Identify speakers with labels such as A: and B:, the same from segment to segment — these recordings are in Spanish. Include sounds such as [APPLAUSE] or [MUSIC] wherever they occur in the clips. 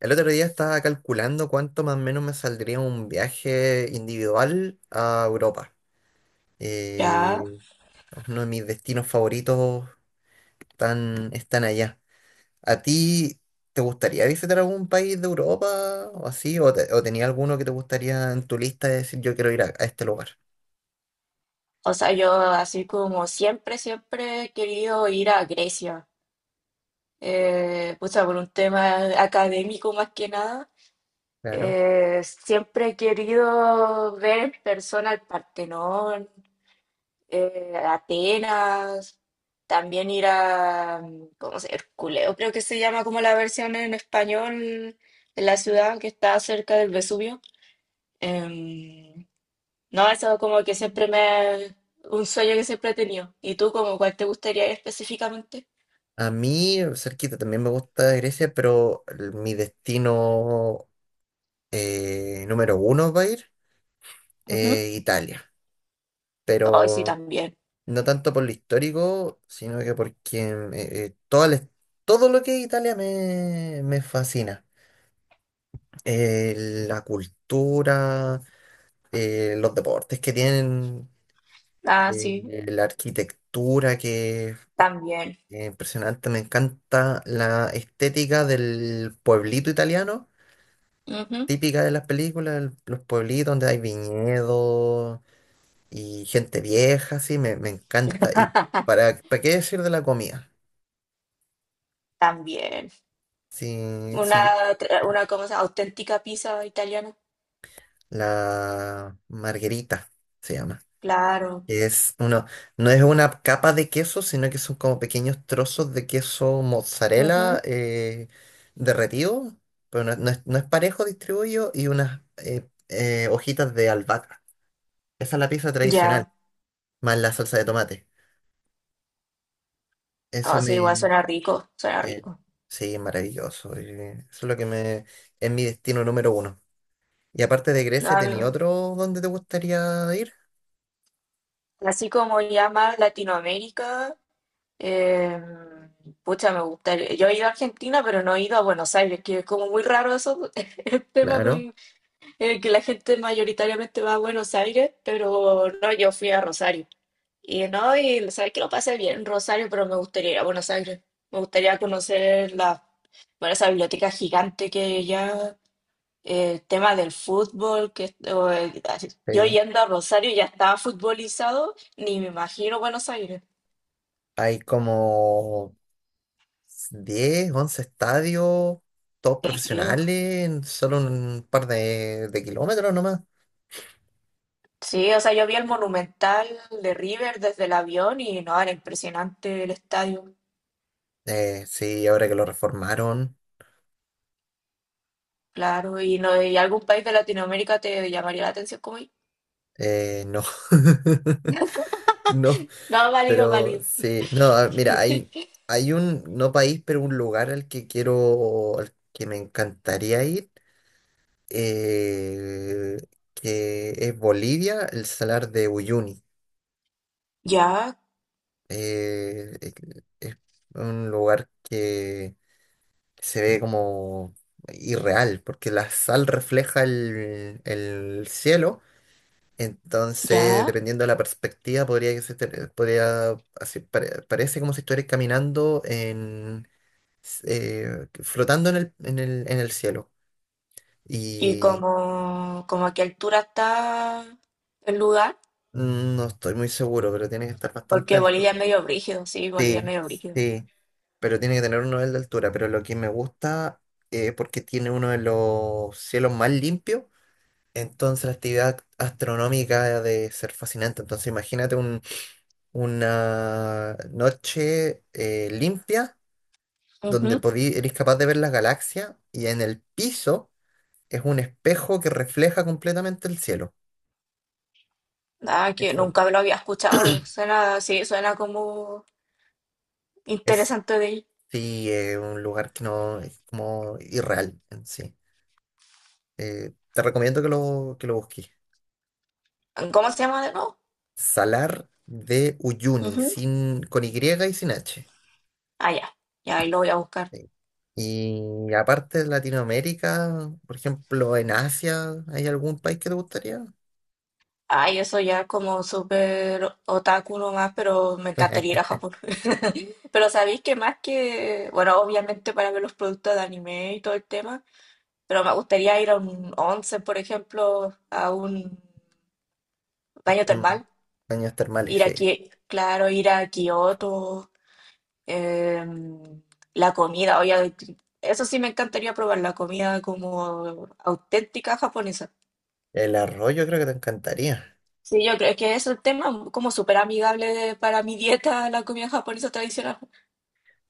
A: El otro día estaba calculando cuánto más o menos me saldría un viaje individual a Europa.
B: Ya,
A: Eh, uno de mis destinos favoritos están allá. ¿A ti te gustaría visitar algún país de Europa o así? ¿O tenía alguno que te gustaría en tu lista de decir yo quiero ir a este lugar?
B: o sea, yo así como siempre, he querido ir a Grecia, pucha, por un tema académico más que nada.
A: Claro.
B: Siempre he querido ver en persona el Partenón, Atenas, también ir a, ¿cómo se Herculeo, creo que se llama como la versión en español de la ciudad que está cerca del Vesubio. Em, No, eso es como que siempre me... Un sueño que siempre he tenido. ¿Y tú como cuál te gustaría ir específicamente?
A: A mí, cerquita, también me gusta Grecia, pero mi destino número uno va a ir
B: Ujú.
A: Italia.
B: Ay, sí,
A: Pero
B: también.
A: no tanto por lo histórico, sino que porque todo lo que es Italia me fascina. La cultura, los deportes que tienen,
B: Ah,
A: eh,
B: sí,
A: la arquitectura que es
B: también.
A: impresionante. Me encanta la estética del pueblito italiano,
B: Ujú.
A: típica de las películas, los pueblitos donde hay viñedos y gente vieja, sí, me encanta. Y ¿para qué decir de la comida?
B: También.
A: Sí,
B: Una,
A: sí,
B: una como esa auténtica pizza italiana.
A: la marguerita se llama.
B: Claro.
A: Que es uno, no es una capa de queso, sino que son como pequeños trozos de queso mozzarella
B: Ujú.
A: derretido, pero no, no es parejo distribuido, y unas hojitas de albahaca. Esa es la pizza tradicional,
B: Ya.
A: más la salsa de tomate. Eso
B: Ah, sí, igual
A: me,
B: suena rico, suena
A: eh,
B: rico.
A: sí, es maravilloso. Eso es lo que me. Es mi destino número uno. Y aparte de Grecia,
B: A mí,
A: ¿tenía otro donde te gustaría ir?
B: así como ya más Latinoamérica, eh, pucha, me gustaría. Yo he ido a Argentina, pero no he ido a Buenos Aires, que es como muy raro eso, [LAUGHS] el tema
A: Claro.
B: con que la gente mayoritariamente va a Buenos Aires, pero no, yo fui a Rosario. Y no, y sabes que lo pasé bien en Rosario, pero me gustaría ir a Buenos Aires. Me gustaría conocer la, bueno, esa biblioteca gigante que ya, el tema del fútbol, que o, yo
A: Sí.
B: yendo a Rosario ya estaba futbolizado, ni me imagino Buenos Aires,
A: Hay como 10, 11 estadios, todos
B: ni creo.
A: profesionales, en solo un par de kilómetros nomás.
B: Sí, o sea, yo vi el Monumental de River desde el avión y no, era impresionante el estadio.
A: Sí, ahora que lo reformaron,
B: Claro, y no, ¿y algún país de Latinoamérica te llamaría la atención como ir?
A: no. [LAUGHS] No,
B: No, válido,
A: pero
B: válido.
A: sí, no, mira, hay un, no país, pero un lugar al que quiero, al que me encantaría ir, eh, que es Bolivia, el Salar de Uyuni.
B: Ya,
A: Eh, es es un lugar que se ve como irreal, porque la sal refleja el cielo, entonces
B: ya.
A: dependiendo de la perspectiva podría que se te- podría así, parece como si estuvieras caminando en flotando en el cielo.
B: ¿Y
A: Y
B: como, como a qué altura está el lugar?
A: no estoy muy seguro, pero tiene que estar bastante
B: Porque
A: alto.
B: Bolivia es medio brígido, sí, Bolivia es
A: Sí,
B: medio brígido.
A: sí, pero tiene que tener un nivel de altura. Pero lo que me gusta es porque tiene uno de los cielos más limpios. Entonces la actividad astronómica ha de ser fascinante. Entonces imagínate una noche limpia donde
B: Ujú.
A: eres capaz de ver las galaxias y en el piso es un espejo que refleja completamente el cielo.
B: Ah, que
A: Eso.
B: nunca lo había escuchado. Suena, sí, suena como
A: Es,
B: interesante de ir.
A: sí, un lugar que no es como irreal en sí. Te recomiendo que lo busques.
B: ¿Cómo se llama de nuevo?
A: Salar de Uyuni,
B: Ujú.
A: sin, con Y y sin H.
B: Ah, ya. Ya ahí lo voy a buscar.
A: Sí. Y aparte de Latinoamérica, por ejemplo, en Asia, ¿hay algún país que te gustaría?
B: Ay, eso ya es como súper otaku nomás, pero me encantaría ir a
A: [LAUGHS]
B: Japón. Pero sabéis que más que, bueno, obviamente para ver los productos de anime y todo el tema, pero me gustaría ir a un once, por ejemplo, a un baño
A: Terma-
B: termal,
A: Baños termales,
B: ir
A: sí.
B: aquí, claro, ir a Kioto, em, la comida, obviamente, eso sí me encantaría probar la comida como auténtica japonesa.
A: El arroz yo creo que te encantaría.
B: Sí, yo creo que es un tema como súper amigable de- para mi dieta, la comida japonesa tradicional.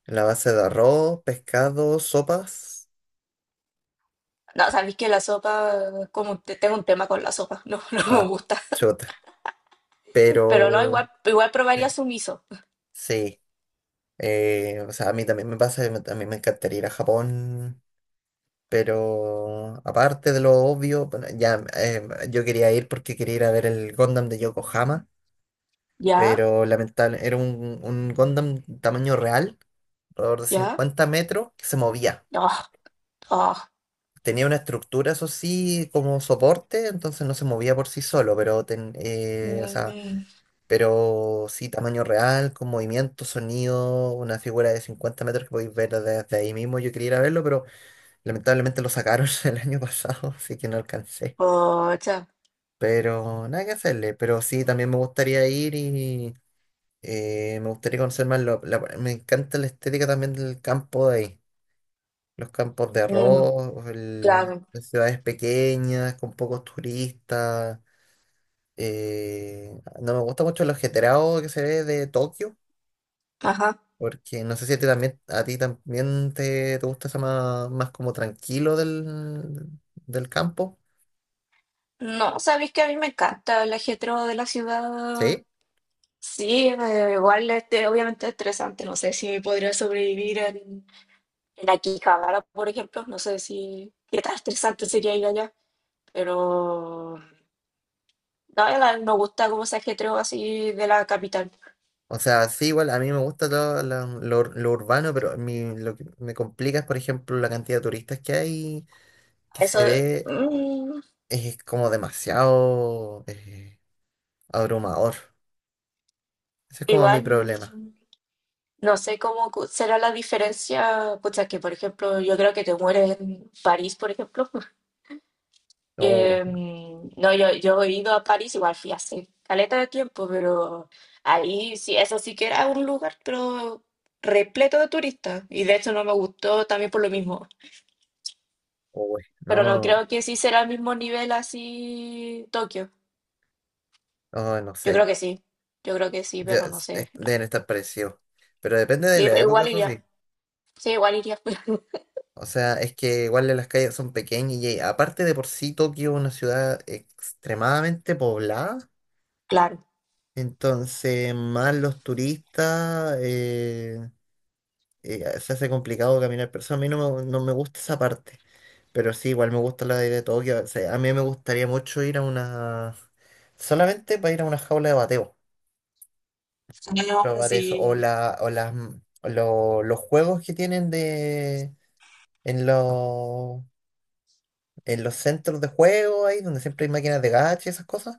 A: La base de arroz, pescado, sopas.
B: No, sabéis que la sopa, como te- tengo un tema con la sopa, no, [LAUGHS] no me
A: Ah,
B: gusta.
A: chuta.
B: Pero no, igual,
A: Pero
B: igual probaría sumiso.
A: sí. O sea, a mí también me pasa, que a mí me encantaría ir a Japón. Pero aparte de lo obvio, bueno, ya yo quería ir porque quería ir a ver el Gundam de Yokohama,
B: ¿Ya?
A: pero lamentable, era un Gundam tamaño real, alrededor de
B: ¿Ya?
A: 50 metros, que se movía.
B: Ah, ah.
A: Tenía una estructura, eso sí, como soporte, entonces no se movía por sí solo, pero, o sea,
B: Mm,
A: pero sí, tamaño real, con movimiento, sonido, una figura de 50 metros que podéis ver desde ahí mismo. Yo quería ir a verlo, pero lamentablemente lo sacaron [LAUGHS] el año pasado, así que no alcancé.
B: pocha.
A: Pero nada que hacerle, pero sí, también me gustaría ir. Me gustaría conocer más, me encanta la estética también del campo de ahí, los campos de
B: Mm,
A: arroz,
B: claro.
A: las ciudades pequeñas, con pocos turistas. eh, no me gusta mucho lo ajetreado que se ve de Tokio,
B: Ajá.
A: porque no sé si a ti también, a ti también te gusta eso más, más como tranquilo del campo,
B: No, sabéis que a mí me encanta el ajetreo de la ciudad.
A: ¿sí?
B: Sí, me- igual este, obviamente es estresante. No sé si podría sobrevivir en Akihabara, por ejemplo. No sé si qué tan estresante sería ir allá. Pero no, la- me gusta como ese ajetreo así de la capital.
A: O sea, sí, igual a mí me gusta lo urbano, pero lo que me complica es, por ejemplo, la cantidad de turistas que hay que
B: Eso,
A: se ve
B: mm,
A: es como demasiado abrumador. Ese es como mi
B: igual.
A: problema.
B: No sé cómo cu- será la diferencia, pucha, que por ejemplo, yo creo que te mueres en París, por ejemplo. [LAUGHS]
A: Oh,
B: Que, mm, no, yo he ido a París, igual fui hace caleta de tiempo, pero ahí sí, eso sí que era un lugar, pero repleto de turistas. Y de hecho no me gustó también por lo mismo.
A: oh,
B: Pero no
A: no,
B: creo que sí será el mismo nivel así Tokio.
A: oh, no
B: Yo creo
A: sé.
B: que sí, yo creo que sí,
A: Ya,
B: pero no sé. No.
A: deben estar parecidos. Pero depende de
B: Sí,
A: la
B: pero
A: época,
B: igual
A: eso sí.
B: iría. Sí, igual iría. [LAUGHS]
A: O sea, es que igual las calles son pequeñas y aparte de por sí Tokio es una ciudad extremadamente poblada.
B: Claro.
A: Entonces, más los turistas, se hace complicado caminar. Por eso a mí no me gusta esa parte. Pero sí, igual me gusta la idea de Tokio. O sea, a mí me gustaría mucho ir a una, solamente para ir a una jaula de bateo.
B: Ah,
A: Probar eso. O,
B: sí.
A: la, o, las, o lo- los juegos que tienen de, en, los en los centros de juego ahí, donde siempre hay máquinas de gacha y esas cosas.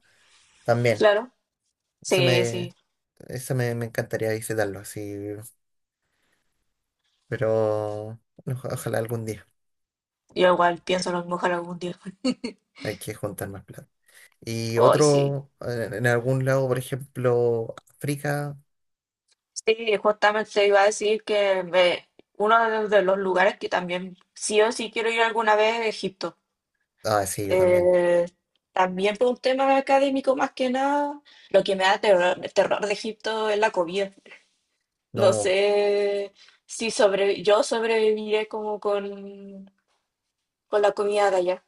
A: También.
B: Claro.
A: Eso
B: Sí,
A: me,
B: sí.
A: me encantaría visitarlo así. Pero ojalá algún día.
B: Yo igual pienso a lo mejor algún día.
A: Hay que juntar más plata. Y
B: Hoy sí.
A: otro, en algún lado, por ejemplo, África.
B: Sí, justamente iba a decir que me- uno de los lugares que también sí o sí quiero ir alguna vez es Egipto.
A: Ah, sí, yo también.
B: Eh, También por un tema académico más que nada, lo que me da terror, terror de Egipto es la comida. No
A: No,
B: sé si sobre, yo sobreviviré como con la comida de allá.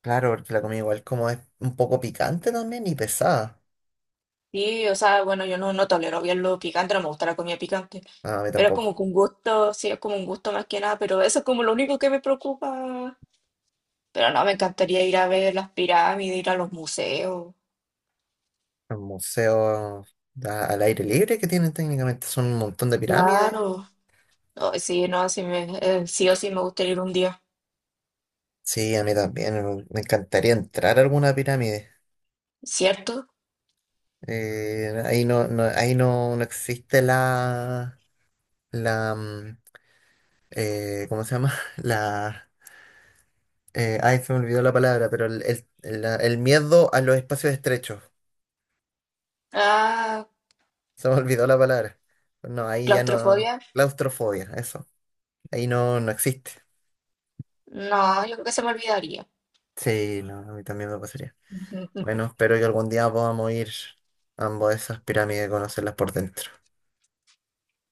A: claro, porque la comida igual como es un poco picante también y pesada.
B: Sí, o sea, bueno, yo no, no tolero bien lo picante, no me gusta la comida picante,
A: No, a mí
B: pero es
A: tampoco.
B: como que un gusto, sí, es como un gusto más que nada, pero eso es como lo único que me preocupa. Pero no, me encantaría ir a ver las pirámides, ir a los museos,
A: Los museos al aire libre que tienen técnicamente son un montón de pirámides.
B: claro. No, sí, no, sí, me, sí o sí me gustaría ir un día,
A: Sí, a mí también. Me encantaría entrar a alguna pirámide.
B: ¿cierto?
A: Ahí no, no, ahí no, no existe la, mm, ¿cómo se llama? [LAUGHS] Ay, se me olvidó la palabra, pero el miedo a los espacios estrechos.
B: Ah,
A: Se me olvidó la palabra. No, ahí ya no.
B: claustrofobia,
A: Claustrofobia, eso. Ahí no, no existe.
B: no, yo creo que se me olvidaría.
A: Sí, no, a mí también me pasaría. Bueno, espero que algún día podamos ir ambos a esas pirámides y conocerlas por dentro.